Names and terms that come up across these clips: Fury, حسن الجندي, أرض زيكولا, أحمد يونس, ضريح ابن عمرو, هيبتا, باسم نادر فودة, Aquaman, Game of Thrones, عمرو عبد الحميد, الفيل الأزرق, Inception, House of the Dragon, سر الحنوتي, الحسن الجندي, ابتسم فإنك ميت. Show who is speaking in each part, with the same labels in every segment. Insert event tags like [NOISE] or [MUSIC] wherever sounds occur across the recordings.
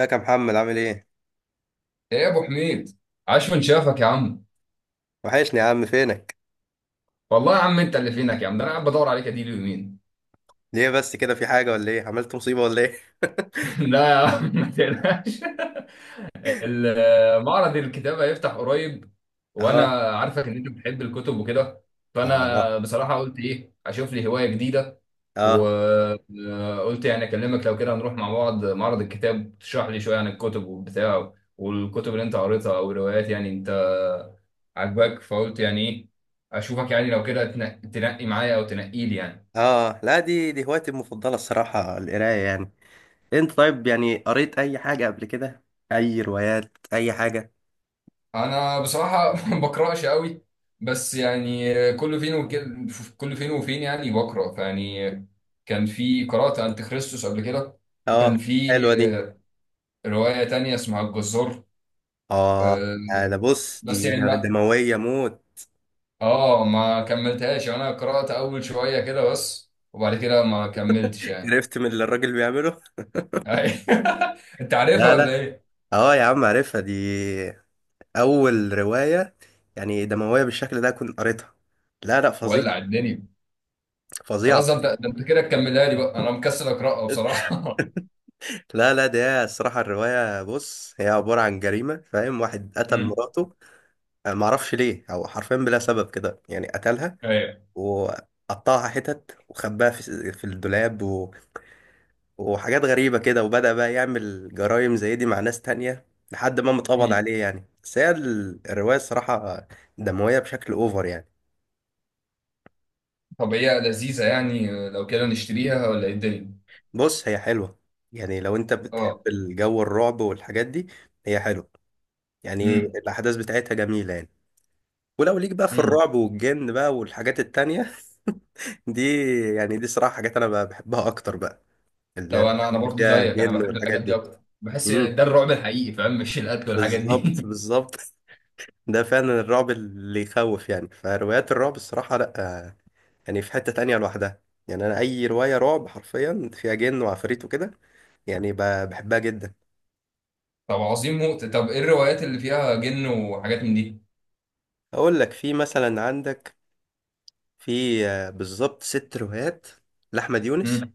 Speaker 1: ازيك يا محمد، عامل ايه؟
Speaker 2: ايه يا ابو حميد. عاش من شافك يا عم.
Speaker 1: وحشني يا عم، فينك؟
Speaker 2: والله يا عم انت اللي فينك يا عم، ده انا قاعد بدور عليك اديله يومين.
Speaker 1: ليه بس كده، في حاجة ولا ايه؟ عملت مصيبة ولا ايه؟
Speaker 2: [LAUGHS]
Speaker 1: [LAUGHS]
Speaker 2: لا يا عم ما تقلقش. [LAUGHS] معرض الكتابه هيفتح قريب، وانا
Speaker 1: اه.
Speaker 2: عارفك ان انت بتحب الكتب وكده.
Speaker 1: اه.
Speaker 2: فانا بصراحه قلت ايه اشوف لي هوايه جديده و...
Speaker 1: اه.
Speaker 2: قلت يعني اكلمك لو كده هنروح مع بعض معرض الكتاب تشرح لي شويه عن الكتب وبتاع، والكتب اللي انت قريتها او الروايات يعني انت عاجباك. فقلت يعني ايه اشوفك يعني لو كده تنقي معايا او تنقي لي يعني.
Speaker 1: اه. لا، دي هوايتي المفضلة الصراحة، القراية يعني. انت طيب، يعني قريت اي حاجة قبل كده؟ اي روايات، اي حاجة؟
Speaker 2: انا بصراحه [LAUGHS] ما بقراش قوي، بس يعني كل فين وكده، كل فين وفين يعني بقرا فيعني. كان في قرات انت خريستوس قبل كده، وكان
Speaker 1: اه،
Speaker 2: في
Speaker 1: حلوة دي.
Speaker 2: روايه تانية اسمها الجزار.
Speaker 1: اه
Speaker 2: آه،
Speaker 1: ده بص،
Speaker 2: بس
Speaker 1: دي
Speaker 2: يعني ما
Speaker 1: دموية موت.
Speaker 2: اه، ما كملتهاش يعني، انا قرأت اول شوية كده بس وبعد كده ما كملتش
Speaker 1: [LAUGHS]
Speaker 2: يعني.
Speaker 1: عرفت من اللي الراجل بيعمله؟
Speaker 2: [LAUGHS] انت عارفها
Speaker 1: لا،
Speaker 2: ولا
Speaker 1: لا.
Speaker 2: ايه؟
Speaker 1: اه يا عم عارفها دي، اول رواية يعني دموية بالشكل ده كنت قريتها. لا، لا، فظيعة.
Speaker 2: ولع الدنيا.
Speaker 1: فظيعة.
Speaker 2: خلاص، ده انت كده تكملها لي بقى، انا مكسل اقرأها بصراحة.
Speaker 1: لا لا، ده الصراحة الرواية، بص هي عبارة عن جريمة، فاهم، واحد
Speaker 2: [LAUGHS]
Speaker 1: قتل
Speaker 2: امم.
Speaker 1: مراته. أنا معرفش ليه، أو حرفيا بلا سبب كده يعني قتلها،
Speaker 2: ايوه.
Speaker 1: وقطعها حتت، وخباها في الدولاب وحاجات غريبة كده، وبدأ بقى يعمل جرائم زي دي مع ناس تانية لحد ما متقبض
Speaker 2: امم.
Speaker 1: عليه. يعني بس هي الرواية الصراحة دموية بشكل أوفر يعني.
Speaker 2: طب هي لذيذة يعني، لو كده نشتريها ولا ايه الدنيا؟
Speaker 1: بص هي حلوة، يعني لو أنت بتحب
Speaker 2: اه.
Speaker 1: الجو الرعب والحاجات دي، هي حلوة، يعني
Speaker 2: امم.
Speaker 1: الأحداث بتاعتها جميلة يعني. ولو ليك بقى في
Speaker 2: امم.
Speaker 1: الرعب والجن بقى والحاجات التانية، [LAUGHS] دي، يعني دي صراحة حاجات أنا بقى بحبها أكتر بقى،
Speaker 2: طب
Speaker 1: اللي
Speaker 2: انا برضه
Speaker 1: فيها
Speaker 2: زيك، انا
Speaker 1: جن
Speaker 2: بحب
Speaker 1: والحاجات
Speaker 2: الحاجات دي
Speaker 1: دي.
Speaker 2: اكتر، بحس ده
Speaker 1: امم.
Speaker 2: الرعب الحقيقي فاهم، مش القتل والحاجات
Speaker 1: بالظبط،
Speaker 2: دي. [LAUGHS]
Speaker 1: بالظبط. ده فعلا الرعب اللي يخوف يعني. فروايات الرعب الصراحة، لأ، آه، يعني في حتة تانية لوحدها. يعني أنا أي رواية رعب حرفيا فيها جن وعفاريت وكده، يعني بحبها جدا.
Speaker 2: طب عظيم موت. طب ايه الروايات اللي فيها جن وحاجات من دي؟
Speaker 1: أقول لك، في مثلا، عندك في بالظبط ست روايات لأحمد يونس،
Speaker 2: امم.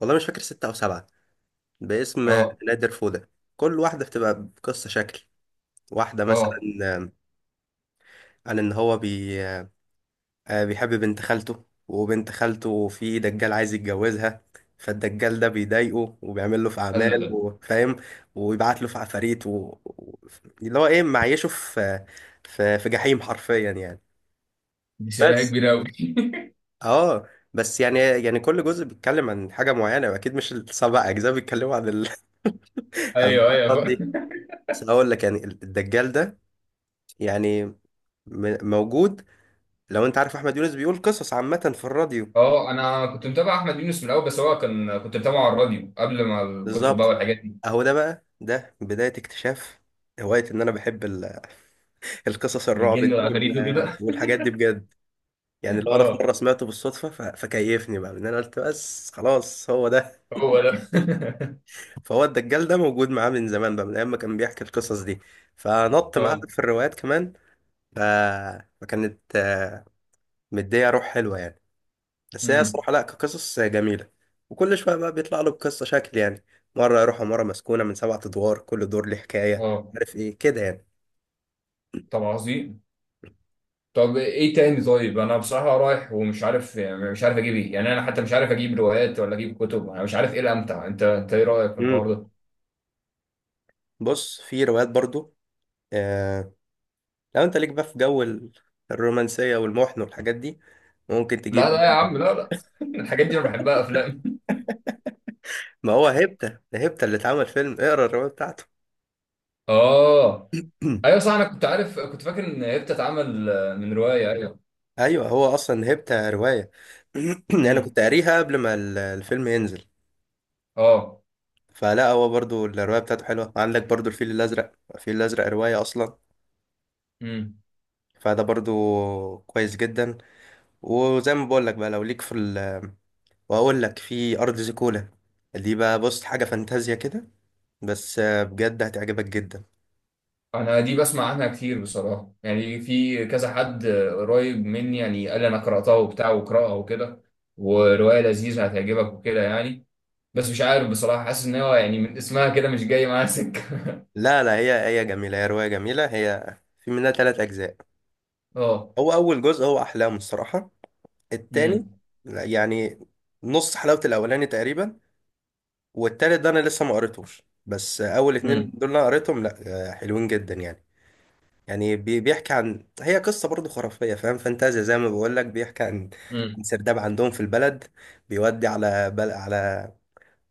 Speaker 1: والله مش فاكر ستة أو سبعة، باسم
Speaker 2: اه.
Speaker 1: نادر فودة. كل واحدة بتبقى بقصة شكل. واحدة مثلا
Speaker 2: اه.
Speaker 1: عن إن هو بي... آه، بيحب بنت خالته، وبنت خالته في دجال عايز يتجوزها، فالدجال ده بيضايقه، وبيعمل له في
Speaker 2: لا لا
Speaker 1: أعمال
Speaker 2: لا.
Speaker 1: وفاهم، ويبعت له في عفاريت و- اللي هو إيه معيشه في جحيم حرفيا يعني.
Speaker 2: دي شريحة
Speaker 1: بس
Speaker 2: كبيرة أوي.
Speaker 1: اه بس يعني كل جزء بيتكلم عن حاجة معينة، وأكيد مش السبع أجزاء بيتكلموا عن
Speaker 2: [LAUGHS]
Speaker 1: [LAUGHS] عن
Speaker 2: أيوه
Speaker 1: الحوارات
Speaker 2: أيوه.
Speaker 1: دي. بس هقول لك، يعني الدجال ده يعني موجود. لو انت عارف احمد يونس بيقول قصص عامة في الراديو،
Speaker 2: أه، أنا كنت متابع أحمد يونس من الأول، بس هو كان كنت متابعه على الراديو قبل ما الكتب بقى
Speaker 1: بالظبط.
Speaker 2: والحاجات دي،
Speaker 1: اهو ده بقى، ده بداية اكتشاف هواية ان انا بحب [LAUGHS] القصص الرعب دي
Speaker 2: الجن والعفاريت وكده.
Speaker 1: والحاجات دي بجد. يعني
Speaker 2: [LAUGHS]
Speaker 1: لو انا في
Speaker 2: أه
Speaker 1: مرة سمعته بالصدفة فكيفني بقى ان انا قلت بس خلاص، هو ده.
Speaker 2: هو ده.
Speaker 1: فهو الدجال ده موجود معاه من زمان بقى، من ايام ما كان بيحكي القصص دي، فنط معاه
Speaker 2: أه.
Speaker 1: في الروايات كمان. ف... فكانت مدية روح حلوة يعني. بس هي
Speaker 2: أمم.
Speaker 1: الصراحة، لا، كقصص جميلة. وكل شوية بقى بيطلع له بقصة شكل يعني. مرة يروحوا مرة مسكونة من سبعة أدوار، كل دور ليه حكاية،
Speaker 2: أه.
Speaker 1: عارف إيه كده يعني.
Speaker 2: طب عظيم. طب إيه تاني؟ طيب أنا بصراحة رايح ومش عارف يعني، مش عارف أجيب إيه يعني، أنا حتى مش عارف أجيب روايات ولا أجيب كتب، أنا مش عارف إيه الأمتع، أنت إيه رأيك في
Speaker 1: امم.
Speaker 2: الحوار ده؟
Speaker 1: بص في روايات برضو، آه، لو أنت ليك بقى في جو الرومانسية والمحن والحاجات دي، ممكن
Speaker 2: لا
Speaker 1: تجيب.
Speaker 2: لا يا عم، لا لا. [LAUGHS] الحاجات دي أنا بحبها أفلام.
Speaker 1: ما هو هيبتا، ده هيبتا اللي اتعمل فيلم، اقرا الرواية بتاعته.
Speaker 2: أه.
Speaker 1: [CLEARS THROAT]
Speaker 2: ايوه صح، انا كنت عارف كنت فاكر ان هي بتتعمل من روايه، ايوه.
Speaker 1: أيوه، هو أصلا هيبتا رواية. [CLEARS THROAT] أنا
Speaker 2: امم.
Speaker 1: كنت قاريها قبل ما الفيلم ينزل،
Speaker 2: اه.
Speaker 1: فلا، هو برضو الرواية بتاعته حلوة. عندك برضو الفيل الأزرق، الفيل الأزرق رواية أصلا،
Speaker 2: امم.
Speaker 1: فده برضو كويس جدا. وزي ما بقول لك بقى، لو ليك في ال وهقول لك في ارض زيكولا، دي بقى بص حاجه فانتازيا كده، بس بجد هتعجبك جدا.
Speaker 2: انا دي بسمع عنها كتير بصراحه يعني، في كذا حد قريب مني يعني قال لي انا قراتها وبتاع وقراها وكده، وروايه لذيذه هتعجبك وكده يعني. بس مش عارف بصراحه، حاسس ان هو يعني من اسمها كده مش جاي معاها سكه.
Speaker 1: لا، لا، هي جميله، هي روايه جميله، هي في منها ثلاث اجزاء.
Speaker 2: [LAUGHS] اه.
Speaker 1: هو اول جزء هو احلام الصراحه. التاني،
Speaker 2: امم.
Speaker 1: لا، يعني نص حلاوه الاولاني تقريبا. والتالت ده انا لسه ما قريتوش، بس اول اتنين
Speaker 2: امم.
Speaker 1: دول انا قريتهم، لا، حلوين جدا يعني. يعني بيحكي عن، هي قصة برضه خرافية فاهم، فانتازيا زي ما بقول لك. بيحكي عن
Speaker 2: امم.
Speaker 1: عن سرداب عندهم في البلد، بيودي على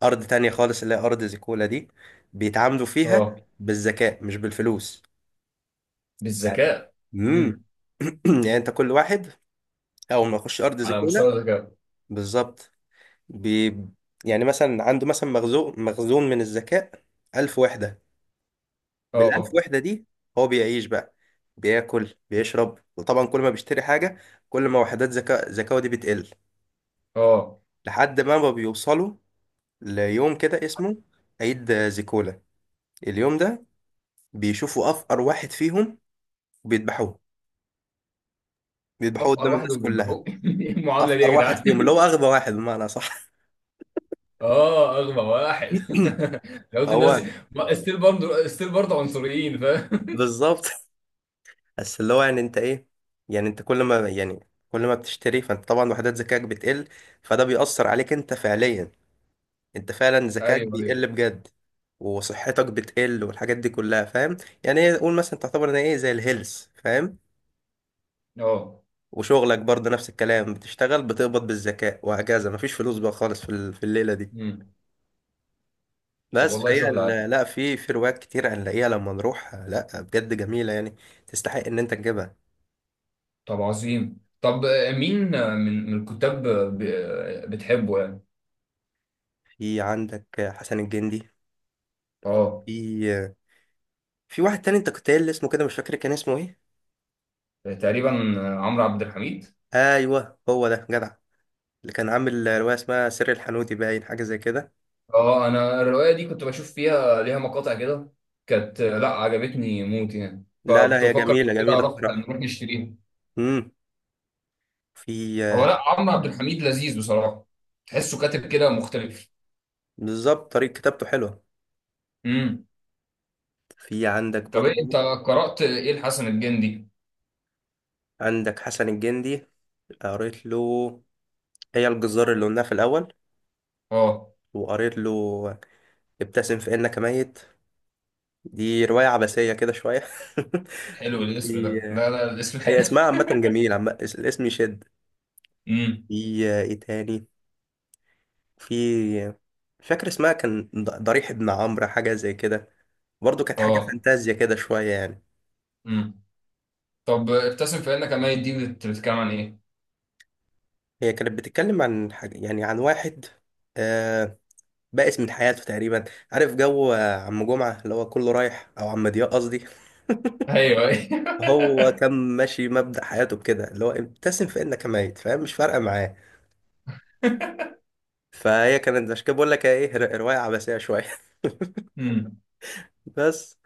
Speaker 1: أرض تانية خالص، اللي هي أرض زيكولا دي. بيتعاملوا فيها
Speaker 2: اه.
Speaker 1: بالذكاء مش بالفلوس يعني.
Speaker 2: بالذكاء. امم.
Speaker 1: امم. [CLEARS THROAT] يعني انت كل واحد أول ما يخش أرض
Speaker 2: على
Speaker 1: زيكولا،
Speaker 2: مستوى الذكاء.
Speaker 1: بالظبط، بي... يعني مثلا عنده، مثلا، مخزون، مخزون من الذكاء، 1000 وحدة. بالألف
Speaker 2: اه.
Speaker 1: وحدة دي هو بيعيش بقى، بياكل، بيشرب. وطبعا كل ما بيشتري حاجة، كل ما وحدات ذكائه دي بتقل،
Speaker 2: اه.
Speaker 1: لحد ما بيوصلوا ليوم كده اسمه عيد زيكولا. اليوم ده بيشوفوا أفقر واحد فيهم وبيذبحوه، بيذبحوه
Speaker 2: افقر
Speaker 1: قدام
Speaker 2: واحد
Speaker 1: الناس كلها.
Speaker 2: وبيذبحوه! [LAUGHS] ايه المعامله دي يا
Speaker 1: أفقر واحد
Speaker 2: جدعان؟
Speaker 1: فيهم اللي هو أغبى واحد بمعنى صح.
Speaker 2: اه، اغبى واحد.
Speaker 1: [CLEARS THROAT]
Speaker 2: [LAUGHS] لو قلت الناس
Speaker 1: هو
Speaker 2: ستيل برضه ستيل برضه عنصريين فاهم.
Speaker 1: بالظبط. بس اللي هو يعني انت ايه، يعني انت كل ما بتشتري، فانت طبعا وحدات ذكائك بتقل، فده بيأثر عليك انت فعليا. انت فعلا
Speaker 2: [LAUGHS]
Speaker 1: ذكاك
Speaker 2: ايوه ايوه.
Speaker 1: بيقل بجد، وصحتك بتقل، والحاجات دي كلها فاهم. يعني ايه، قول مثلا تعتبر ان ايه، زي الهيلث فاهم.
Speaker 2: اه.
Speaker 1: وشغلك برضه نفس الكلام، بتشتغل بتقبض بالذكاء، وهكذا. مفيش فلوس بقى خالص في الليله دي.
Speaker 2: مم. طب
Speaker 1: بس
Speaker 2: والله
Speaker 1: فهي
Speaker 2: شغل عالي.
Speaker 1: لا، في روايات كتير هنلاقيها لما نروح، لا بجد جميله يعني، تستحق ان انت تجيبها.
Speaker 2: طب عظيم. طب مين من الكتاب بتحبه يعني؟
Speaker 1: في عندك حسن الجندي،
Speaker 2: اه.
Speaker 1: في في واحد تاني انت كنت قايل لي اسمه، كده مش فاكر كان اسمه ايه.
Speaker 2: تقريبا عمرو عبد الحميد.
Speaker 1: ايوه، هو ده جدع، اللي كان عامل روايه اسمها سر الحنوتي، باين حاجه زي كده.
Speaker 2: اه، انا الروايه دي كنت بشوف فيها ليها مقاطع كده. كانت لا، عجبتني موت يعني،
Speaker 1: لا، لا،
Speaker 2: فكنت
Speaker 1: هي
Speaker 2: بفكر لو
Speaker 1: جميلة،
Speaker 2: كده
Speaker 1: جميلة
Speaker 2: اعرف
Speaker 1: بصراحة.
Speaker 2: نروح نشتريها.
Speaker 1: امم. في
Speaker 2: هو لا، عمرو عبد الحميد لذيذ بصراحه، تحسه كاتب كده مختلف.
Speaker 1: بالظبط طريقة كتابته حلوة.
Speaker 2: امم.
Speaker 1: في عندك
Speaker 2: طب إيه انت
Speaker 1: برضو،
Speaker 2: قرأت ايه الحسن الجندي؟
Speaker 1: عندك حسن الجندي. قريت له هي الجزار اللي قلناها في الأول،
Speaker 2: اه.
Speaker 1: وقريت له ابتسم فإنك ميت، دي رواية عبثية كده شوية.
Speaker 2: حلو
Speaker 1: [LAUGHS]
Speaker 2: الاسم
Speaker 1: دي،
Speaker 2: ده. لا
Speaker 1: آه،
Speaker 2: لا، الاسم
Speaker 1: هي
Speaker 2: حلو.
Speaker 1: اسمها عامة جميل، الاسم يشد.
Speaker 2: [LAUGHS] امم.
Speaker 1: في ايه تاني، في مش فاكر اسمها، كان ضريح ابن عمرو، حاجة زي كده، برضو كانت حاجة
Speaker 2: اه.
Speaker 1: فانتازيا كده شوية يعني.
Speaker 2: امم. طب ابتسم فانك ميت دي بتتكلم عن ايه؟
Speaker 1: هي كانت بتتكلم عن حاجة يعني عن واحد، آه، بائس من حياته تقريبا. عارف جو عم جمعة اللي هو كله رايح، أو عم ضياء قصدي. [LAUGHS]
Speaker 2: ايوه ايوه.
Speaker 1: هو
Speaker 2: [LAUGHS]
Speaker 1: كان ماشي مبدأ حياته بكده، اللي هو ابتسم فإنك ميت، فاهم، مش فارقة معاه. فهي كانت عشان كده بقول لك إيه، رواية عباسية شوية. [LAUGHS]
Speaker 2: امم.
Speaker 1: بس.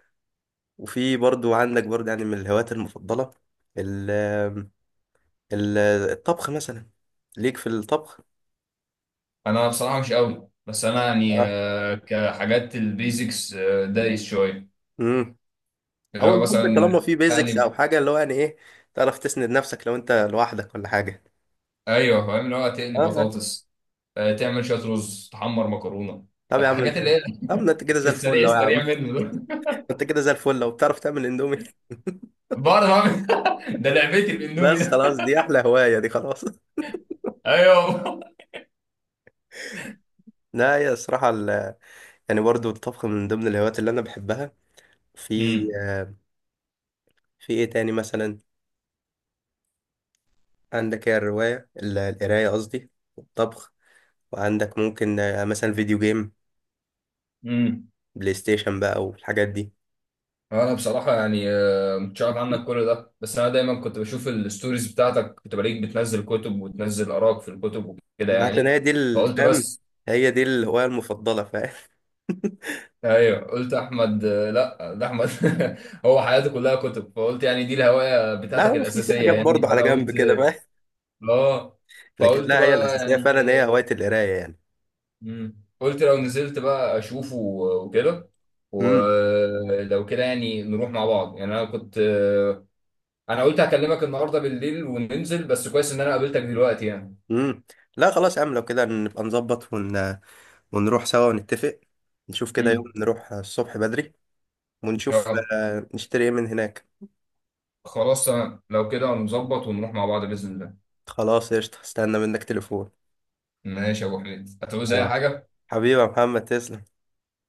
Speaker 1: وفي برضو، عندك برضو يعني من الهوايات المفضلة ال ال- الطبخ مثلا. ليك في الطبخ؟
Speaker 2: انا بصراحة مش قوي، بس انا يعني كحاجات البيزكس دايس شوية.
Speaker 1: اه.
Speaker 2: اللي
Speaker 1: هو
Speaker 2: هو
Speaker 1: المهم طالما
Speaker 2: مثلا
Speaker 1: في بيزكس او
Speaker 2: اقلي.
Speaker 1: حاجه اللي هو يعني ايه، تعرف تسند نفسك لو انت لوحدك ولا حاجه.
Speaker 2: ايوه فاهم، اللي هو تقلي
Speaker 1: اه.
Speaker 2: بطاطس، تعمل شوية رز، تحمر مكرونة،
Speaker 1: طب يا عم
Speaker 2: الحاجات
Speaker 1: انت،
Speaker 2: اللي هي
Speaker 1: طب ما انت كده
Speaker 2: في
Speaker 1: زي الفل
Speaker 2: السريع
Speaker 1: لو يا
Speaker 2: السريع
Speaker 1: عم.
Speaker 2: منه ده.
Speaker 1: [LAUGHS] انت كده زي الفل لو بتعرف تعمل اندومي. [LAUGHS]
Speaker 2: [LAUGHS] بعرف اعمل. [LAUGHS] ده لعبتي
Speaker 1: بس
Speaker 2: الاندومي.
Speaker 1: خلاص، دي احلى هوايه دي، خلاص. [LAUGHS]
Speaker 2: ايوه.
Speaker 1: لا، يا الصراحه يعني برضو الطبخ من ضمن الهوايات اللي انا بحبها.
Speaker 2: [LAUGHS]
Speaker 1: في
Speaker 2: امم.
Speaker 1: في ايه تاني مثلا، عندك هي الروايه القرايه قصدي، والطبخ، وعندك ممكن مثلا فيديو جيم،
Speaker 2: امم.
Speaker 1: بلاي ستيشن بقى والحاجات دي.
Speaker 2: انا بصراحه يعني ما كنتش عارف عنك كل ده، بس انا دايما كنت بشوف الستوريز بتاعتك، كنت بلاقيك بتنزل كتب وتنزل اراك في الكتب وكده
Speaker 1: ما عشان
Speaker 2: يعني،
Speaker 1: هي دي
Speaker 2: فقلت
Speaker 1: الفهم،
Speaker 2: بس.
Speaker 1: هي دي الهواية المفضلة فاهم. [LAUGHS]
Speaker 2: ايوه قلت احمد لا ده احمد، [LAUGHS] هو حياته كلها كتب، فقلت يعني دي الهوايه
Speaker 1: لا،
Speaker 2: بتاعتك
Speaker 1: هو في
Speaker 2: الاساسيه
Speaker 1: حاجات
Speaker 2: يعني،
Speaker 1: برضه على
Speaker 2: فانا
Speaker 1: جنب
Speaker 2: قلت.
Speaker 1: كده فاهم،
Speaker 2: اه.
Speaker 1: لكن
Speaker 2: فقلت
Speaker 1: لا، هي
Speaker 2: بقى
Speaker 1: الأساسية
Speaker 2: يعني.
Speaker 1: فعلا، هي هواية القراية يعني.
Speaker 2: مم. قلت لو نزلت بقى اشوفه وكده،
Speaker 1: امم.
Speaker 2: ولو كده يعني نروح مع بعض يعني، انا كنت انا قلت هكلمك النهارده بالليل وننزل، بس كويس ان انا قابلتك دلوقتي يعني.
Speaker 1: امم. لا خلاص يا عم، لو كده نبقى نظبط ونروح سوا ونتفق. نشوف كده يوم
Speaker 2: امم.
Speaker 1: نروح الصبح بدري، ونشوف
Speaker 2: اه.
Speaker 1: نشتري ايه من هناك.
Speaker 2: خلاص تمام، لو كده نظبط ونروح مع بعض باذن الله.
Speaker 1: خلاص قشطة، استنى منك تليفون.
Speaker 2: ماشي يا ابو حميد، هتعوز اي
Speaker 1: خلاص،
Speaker 2: حاجه؟
Speaker 1: حبيبي يا محمد، تسلم.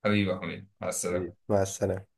Speaker 2: حبيبي يا حميد، مع
Speaker 1: حبيبي،
Speaker 2: السلامه.
Speaker 1: مع السلامة.